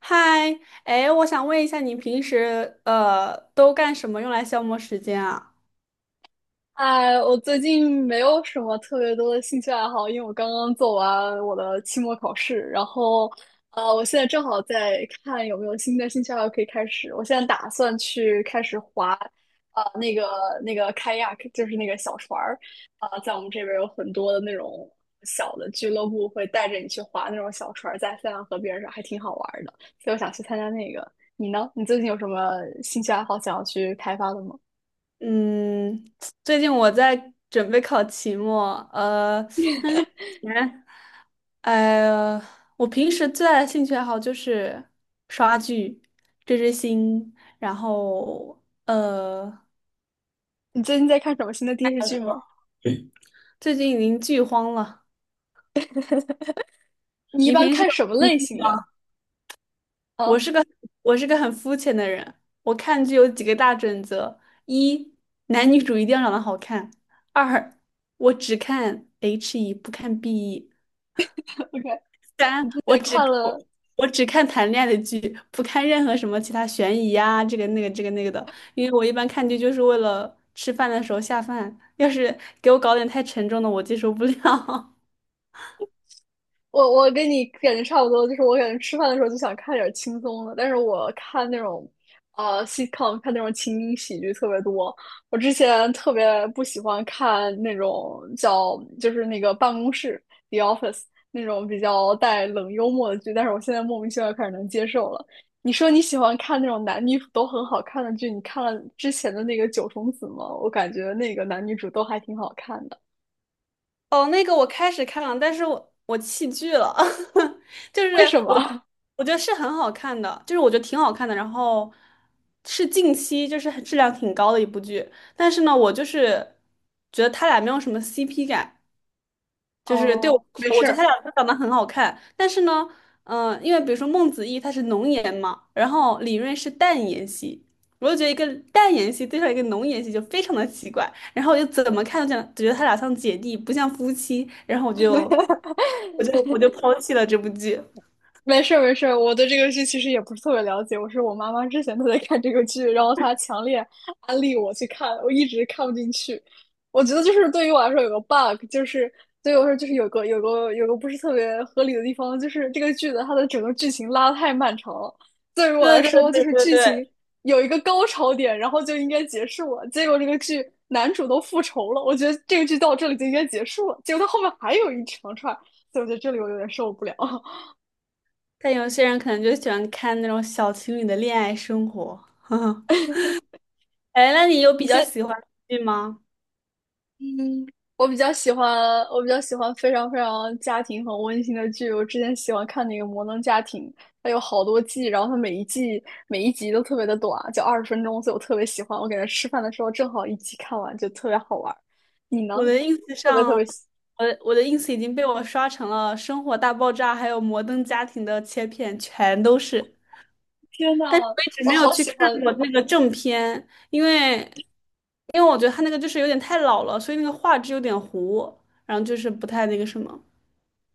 嗨。哎，我想问一下，你平时都干什么用来消磨时间啊？哎，我最近没有什么特别多的兴趣爱好，因为我刚刚做完我的期末考试，然后，我现在正好在看有没有新的兴趣爱好可以开始。我现在打算去开始划，呃，那个那个开亚 y 就是那个小船儿，啊、在我们这边有很多的那种小的俱乐部会带着你去划那种小船儿，在塞纳河边上，还挺好玩儿的，所以我想去参加那个。你呢？你最近有什么兴趣爱好想要去开发的吗？嗯，最近我在准备考期末，前呃，我平时最大的兴趣爱好就是刷剧、追追星，然后你最近在看什么新的电视剧吗？最近已经剧荒了。你一你般平时看什么类型的？我啊是个我是个很肤浅的人，我看剧有几个大准则：一，男女主一定要长得好看；二，我只看 HE 不看 BE;，OK，三，你之前看了，我我只看谈恋爱的剧，不看任何什么其他悬疑啊，这个那个这个那个的，因为我一般看剧就是为了吃饭的时候下饭，要是给我搞点太沉重的，我接受不了。我跟你感觉差不多，就是我感觉吃饭的时候就想看点轻松的，但是我看那种sitcom，看那种情景喜剧特别多。我之前特别不喜欢看那种叫就是那个办公室 The Office 那种比较带冷幽默的剧，但是我现在莫名其妙开始能接受了。你说你喜欢看那种男女主都很好看的剧，你看了之前的那个九重紫吗？我感觉那个男女主都还挺好看的，哦，那个我开始看了，但是我弃剧了。就是为什我么？我觉得是很好看的，就是我觉得挺好看的，然后是近期就是很质量挺高的一部剧，但是呢，我就是觉得他俩没有什么 CP 感，就是对我哦，来没说，我事觉得他儿。俩都长得很好看，但是呢，嗯、因为比如说孟子义他是浓颜嘛，然后李锐是淡颜系，我就觉得一个淡颜系对上一个浓颜系就非常的奇怪，然后我就怎么看都这觉得他俩像姐弟，不像夫妻，然后我就抛弃了这部剧。没事儿没事儿，我对这个剧其实也不是特别了解。我是我妈妈之前她在看这个剧，然后她强烈安利我去看，我一直看不进去。我觉得就是对于我来说有个 bug，就是对于我来说就是有个不是特别合理的地方，就是这个剧的它的整个剧情拉得太漫长了。对于我对来对说，就对是对剧情对，有一个高潮点，然后就应该结束了。结果这个剧男主都复仇了，我觉得这个剧到这里就应该结束了。结果它后面还有一长串，所以我觉得这里我有点受不了。但有些人可能就喜欢看那种小情侣的恋爱生活，呵呵。哎，那你有你比较先。喜欢的剧吗？嗯，我比较喜欢，我比较喜欢非常非常家庭很温馨的剧。我之前喜欢看那个《摩登家庭》，它有好多季，然后它每一季每一集都特别的短，就20分钟，所以我特别喜欢。我感觉吃饭的时候正好一集看完，就特别好玩儿。你呢？我的 ins 特别上，特别喜，我的 ins 已经被我刷成了《生活大爆炸》还有《摩登家庭》的切片，全都是。天呐，但是我一直我没有好去喜看欢，过那个正片，因为我觉得他那个就是有点太老了，所以那个画质有点糊，然后就是不太那个什么。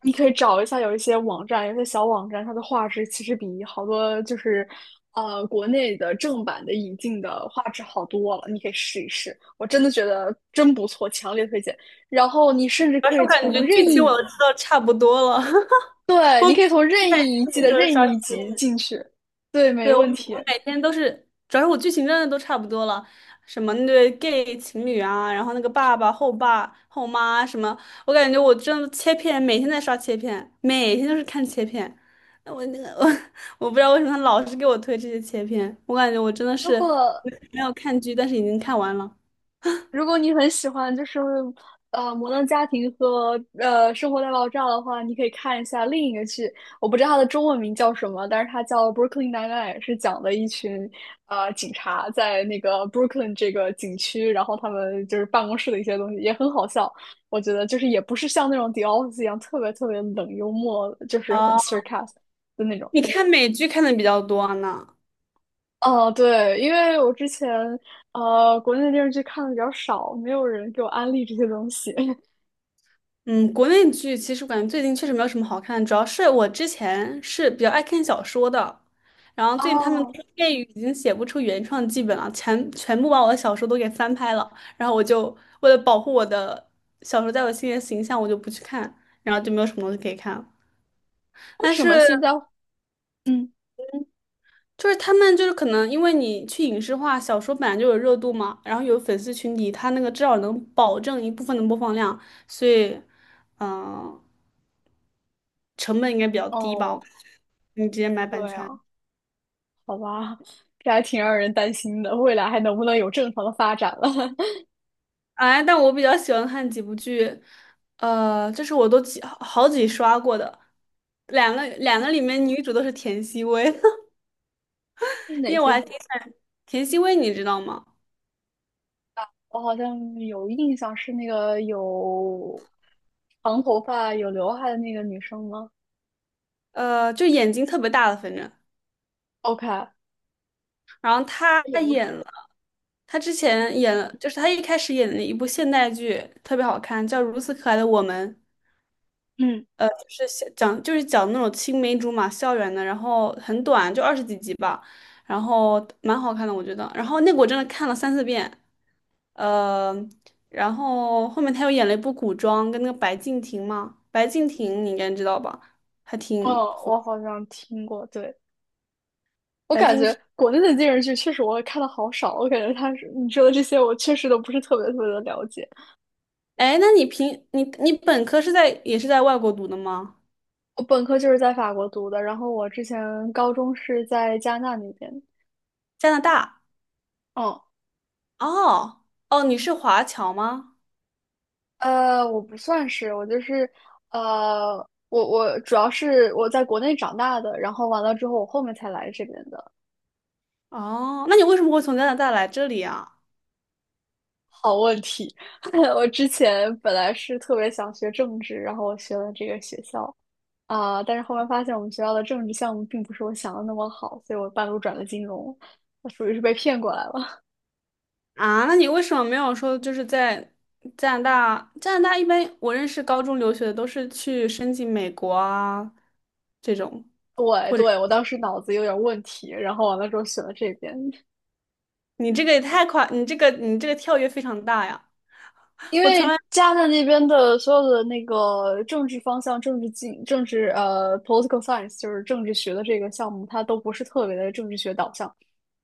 你可以找一下，有一些网站，有一些小网站，它的画质其实比好多就是，国内的正版的引进的画质好多了。你可以试一试，我真的觉得真不错，强烈推荐。然后你甚至主要可是以我感从觉剧任情我意，都知道差不多了，对，我你每可以从天任在意一季的就是任刷意视一集频。进去，对，没问题。每天都是，主要是我剧情真的都差不多了，什么那对 gay 情侣啊，然后那个爸爸、后爸、后妈什么，我感觉我真的切片，每天在刷切片，每天都是看切片。那我那个 我不知道为什么他老是给我推这些切片，我感觉我真的如是果没有看剧，但是已经看完了。如果你很喜欢就是《摩登家庭》和《生活大爆炸》的话，你可以看一下另一个剧，我不知道它的中文名叫什么，但是它叫《Brooklyn Nine-Nine》，是讲的一群警察在那个 Brooklyn 这个景区，然后他们就是办公室的一些东西，也很好笑。我觉得就是也不是像那种《The Office》一样特别特别冷幽默，就是很 s a 哦，r c a s 的那种。你看美剧看的比较多呢？哦，对，因为我之前国内的电视剧看的比较少，没有人给我安利这些东西。嗯，国内剧其实我感觉最近确实没有什么好看的，主要是我之前是比较爱看小说的，然后最近他们出哦，电影已经写不出原创剧本了，全部把我的小说都给翻拍了，然后我就为了保护我的小说在我心里的形象，我就不去看，然后就没有什么东西可以看了。为但什么是现在？嗯，就是他们就是可能因为你去影视化，小说本来就有热度嘛，然后有粉丝群体，他那个至少能保证一部分的播放量，所以嗯、呃成本应该比较低吧。哦，你直接买版对权。样，好吧，这还挺让人担心的，未来还能不能有正常的发展了？哎，但我比较喜欢看几部剧，呃，这是我都几刷过的，两个里面女主都是田曦薇，是因哪为我些还挺剧？喜欢田曦薇，你知道吗？我好像有印象，是那个有长头发、有刘海的那个女生吗呃，就眼睛特别大的，反正，？OK，她然后演过什么？她之前演了，就是她一开始演的一部现代剧，特别好看，叫《如此可爱的我们》，嗯，就是讲那种青梅竹马校园的，然后很短，就二十几集吧，然后蛮好看的，我觉得。然后那个我真的看了三四遍，呃，然后后面他又演了一部古装，跟那个白敬亭嘛，白敬亭你应该知道吧，还哦，挺火。我好像听过。对，我白感敬亭，觉国内的电视剧确实我看的好少，我感觉他是你说的这些，我确实都不是特别特别的了解。哎，那你平你你本科是在也是在外国读的吗？我本科就是在法国读的，然后我之前高中是在加拿大那边。加拿大？嗯，哦哦，你是华侨吗？我不算是，我就是呃，我主要是我在国内长大的，然后完了之后我后面才来这边的。哦，那你为什么会从加拿大来这里啊？好问题，我之前本来是特别想学政治，然后我学了这个学校啊，但是后面发现我们学校的政治项目并不是我想的那么好，所以我半路转了金融，我属于是被骗过来了。啊，那你为什么没有说就是在加拿大？加拿大一般我认识高中留学的都是去申请美国啊这种。对对，我当时脑子有点问题，然后完了之后选了这边。你这个也太快，你这个跳跃非常大呀！因我从为来加拿大那边的所有的那个政治方向、政治经、政治political science，就是政治学的这个项目，它都不是特别的政治学导向，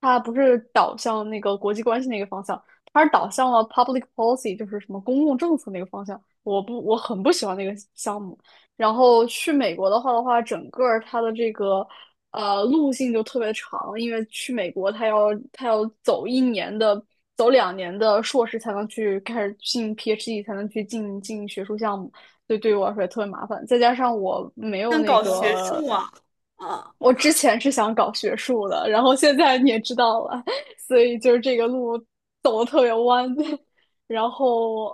它不是导向那个国际关系那个方向，它是导向了 public policy，就是什么公共政策那个方向。我不，我很不喜欢那个项目，然后去美国的话，整个儿它的这个路径就特别长，因为去美国它要走1年的，走2年的硕士才能去开始进 PhD，才能去进学术项目，所以对于我来说也特别麻烦。再加上我没不有想那搞学个，术啊。啊我之前是想搞学术的，然后现在你也知道了，所以就是这个路走的特别弯。然后，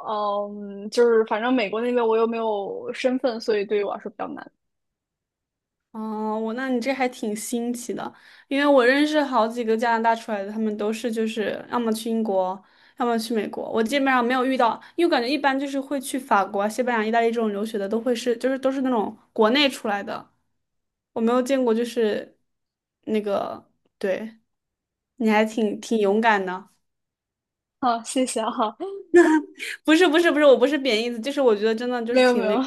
嗯，就是反正美国那边我又没有身份，所以对于我来说比较难。哦，我那你这还挺新奇的，因为我认识好几个加拿大出来的，他们都是就是要么去英国，要么去美国。我基本上没有遇到，因为我感觉一般就是会去法国啊、西班牙、意大利这种留学的，都会是就是都是那种国内出来的，我没有见过就是那个，对，你还挺勇敢的。好，谢谢哈，不是不是不是，我不是贬义词，就是我觉得真的 就没是有没挺有，那。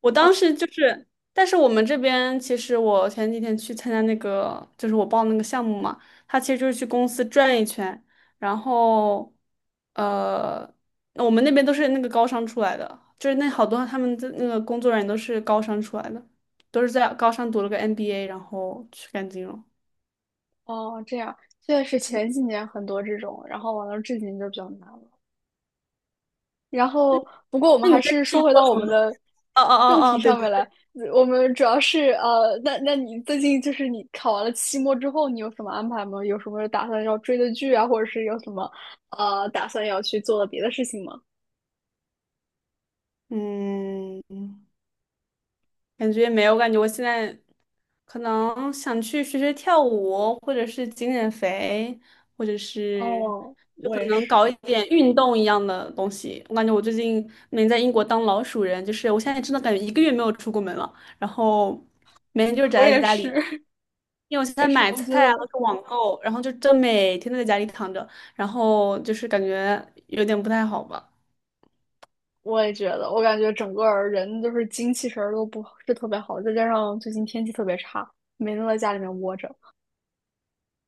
我当哦时就是，但是我们这边其实我前几天去参加那个，就是我报那个项目嘛，他其实就是去公司转一圈，然后呃，我们那边都是那个高商出来的，就是那好多他们的那个工作人员都是高商出来的，都是在高商读了个 MBA,然后去干金融。哦，这样，确是前几年很多这种，然后完了至今就比较难了。然后不过我们那还你在是说回到我什们么？的哦哦正哦题哦，对上对，面来，我们主要是那你最近就是你考完了期末之后，你有什么安排吗？有什么打算要追的剧啊，或者是有什么打算要去做的别的事情吗？嗯，感觉没有，我感觉我现在可能想去学学跳舞，或者是减减肥，或者是哦，就我可也能是，搞一点运动一样的东西。我感觉我最近没在英国当老鼠人，就是我现在真的感觉1个月没有出过门了，然后每天就是我宅在也家里，是，因为我现在也是，买我觉菜啊，得。是网购，然后就真每天都在家里躺着，然后就是感觉有点不太好吧。我也觉得，我感觉整个儿人就是精气神儿都不是特别好，再加上最近天气特别差，每天都在家里面窝着。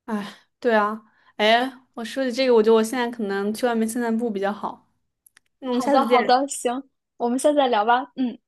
哎，对啊，哎，我说起这个，我觉得我现在可能去外面散散步比较好。嗯，好下的，次见。好的，行，我们下次再聊吧。嗯。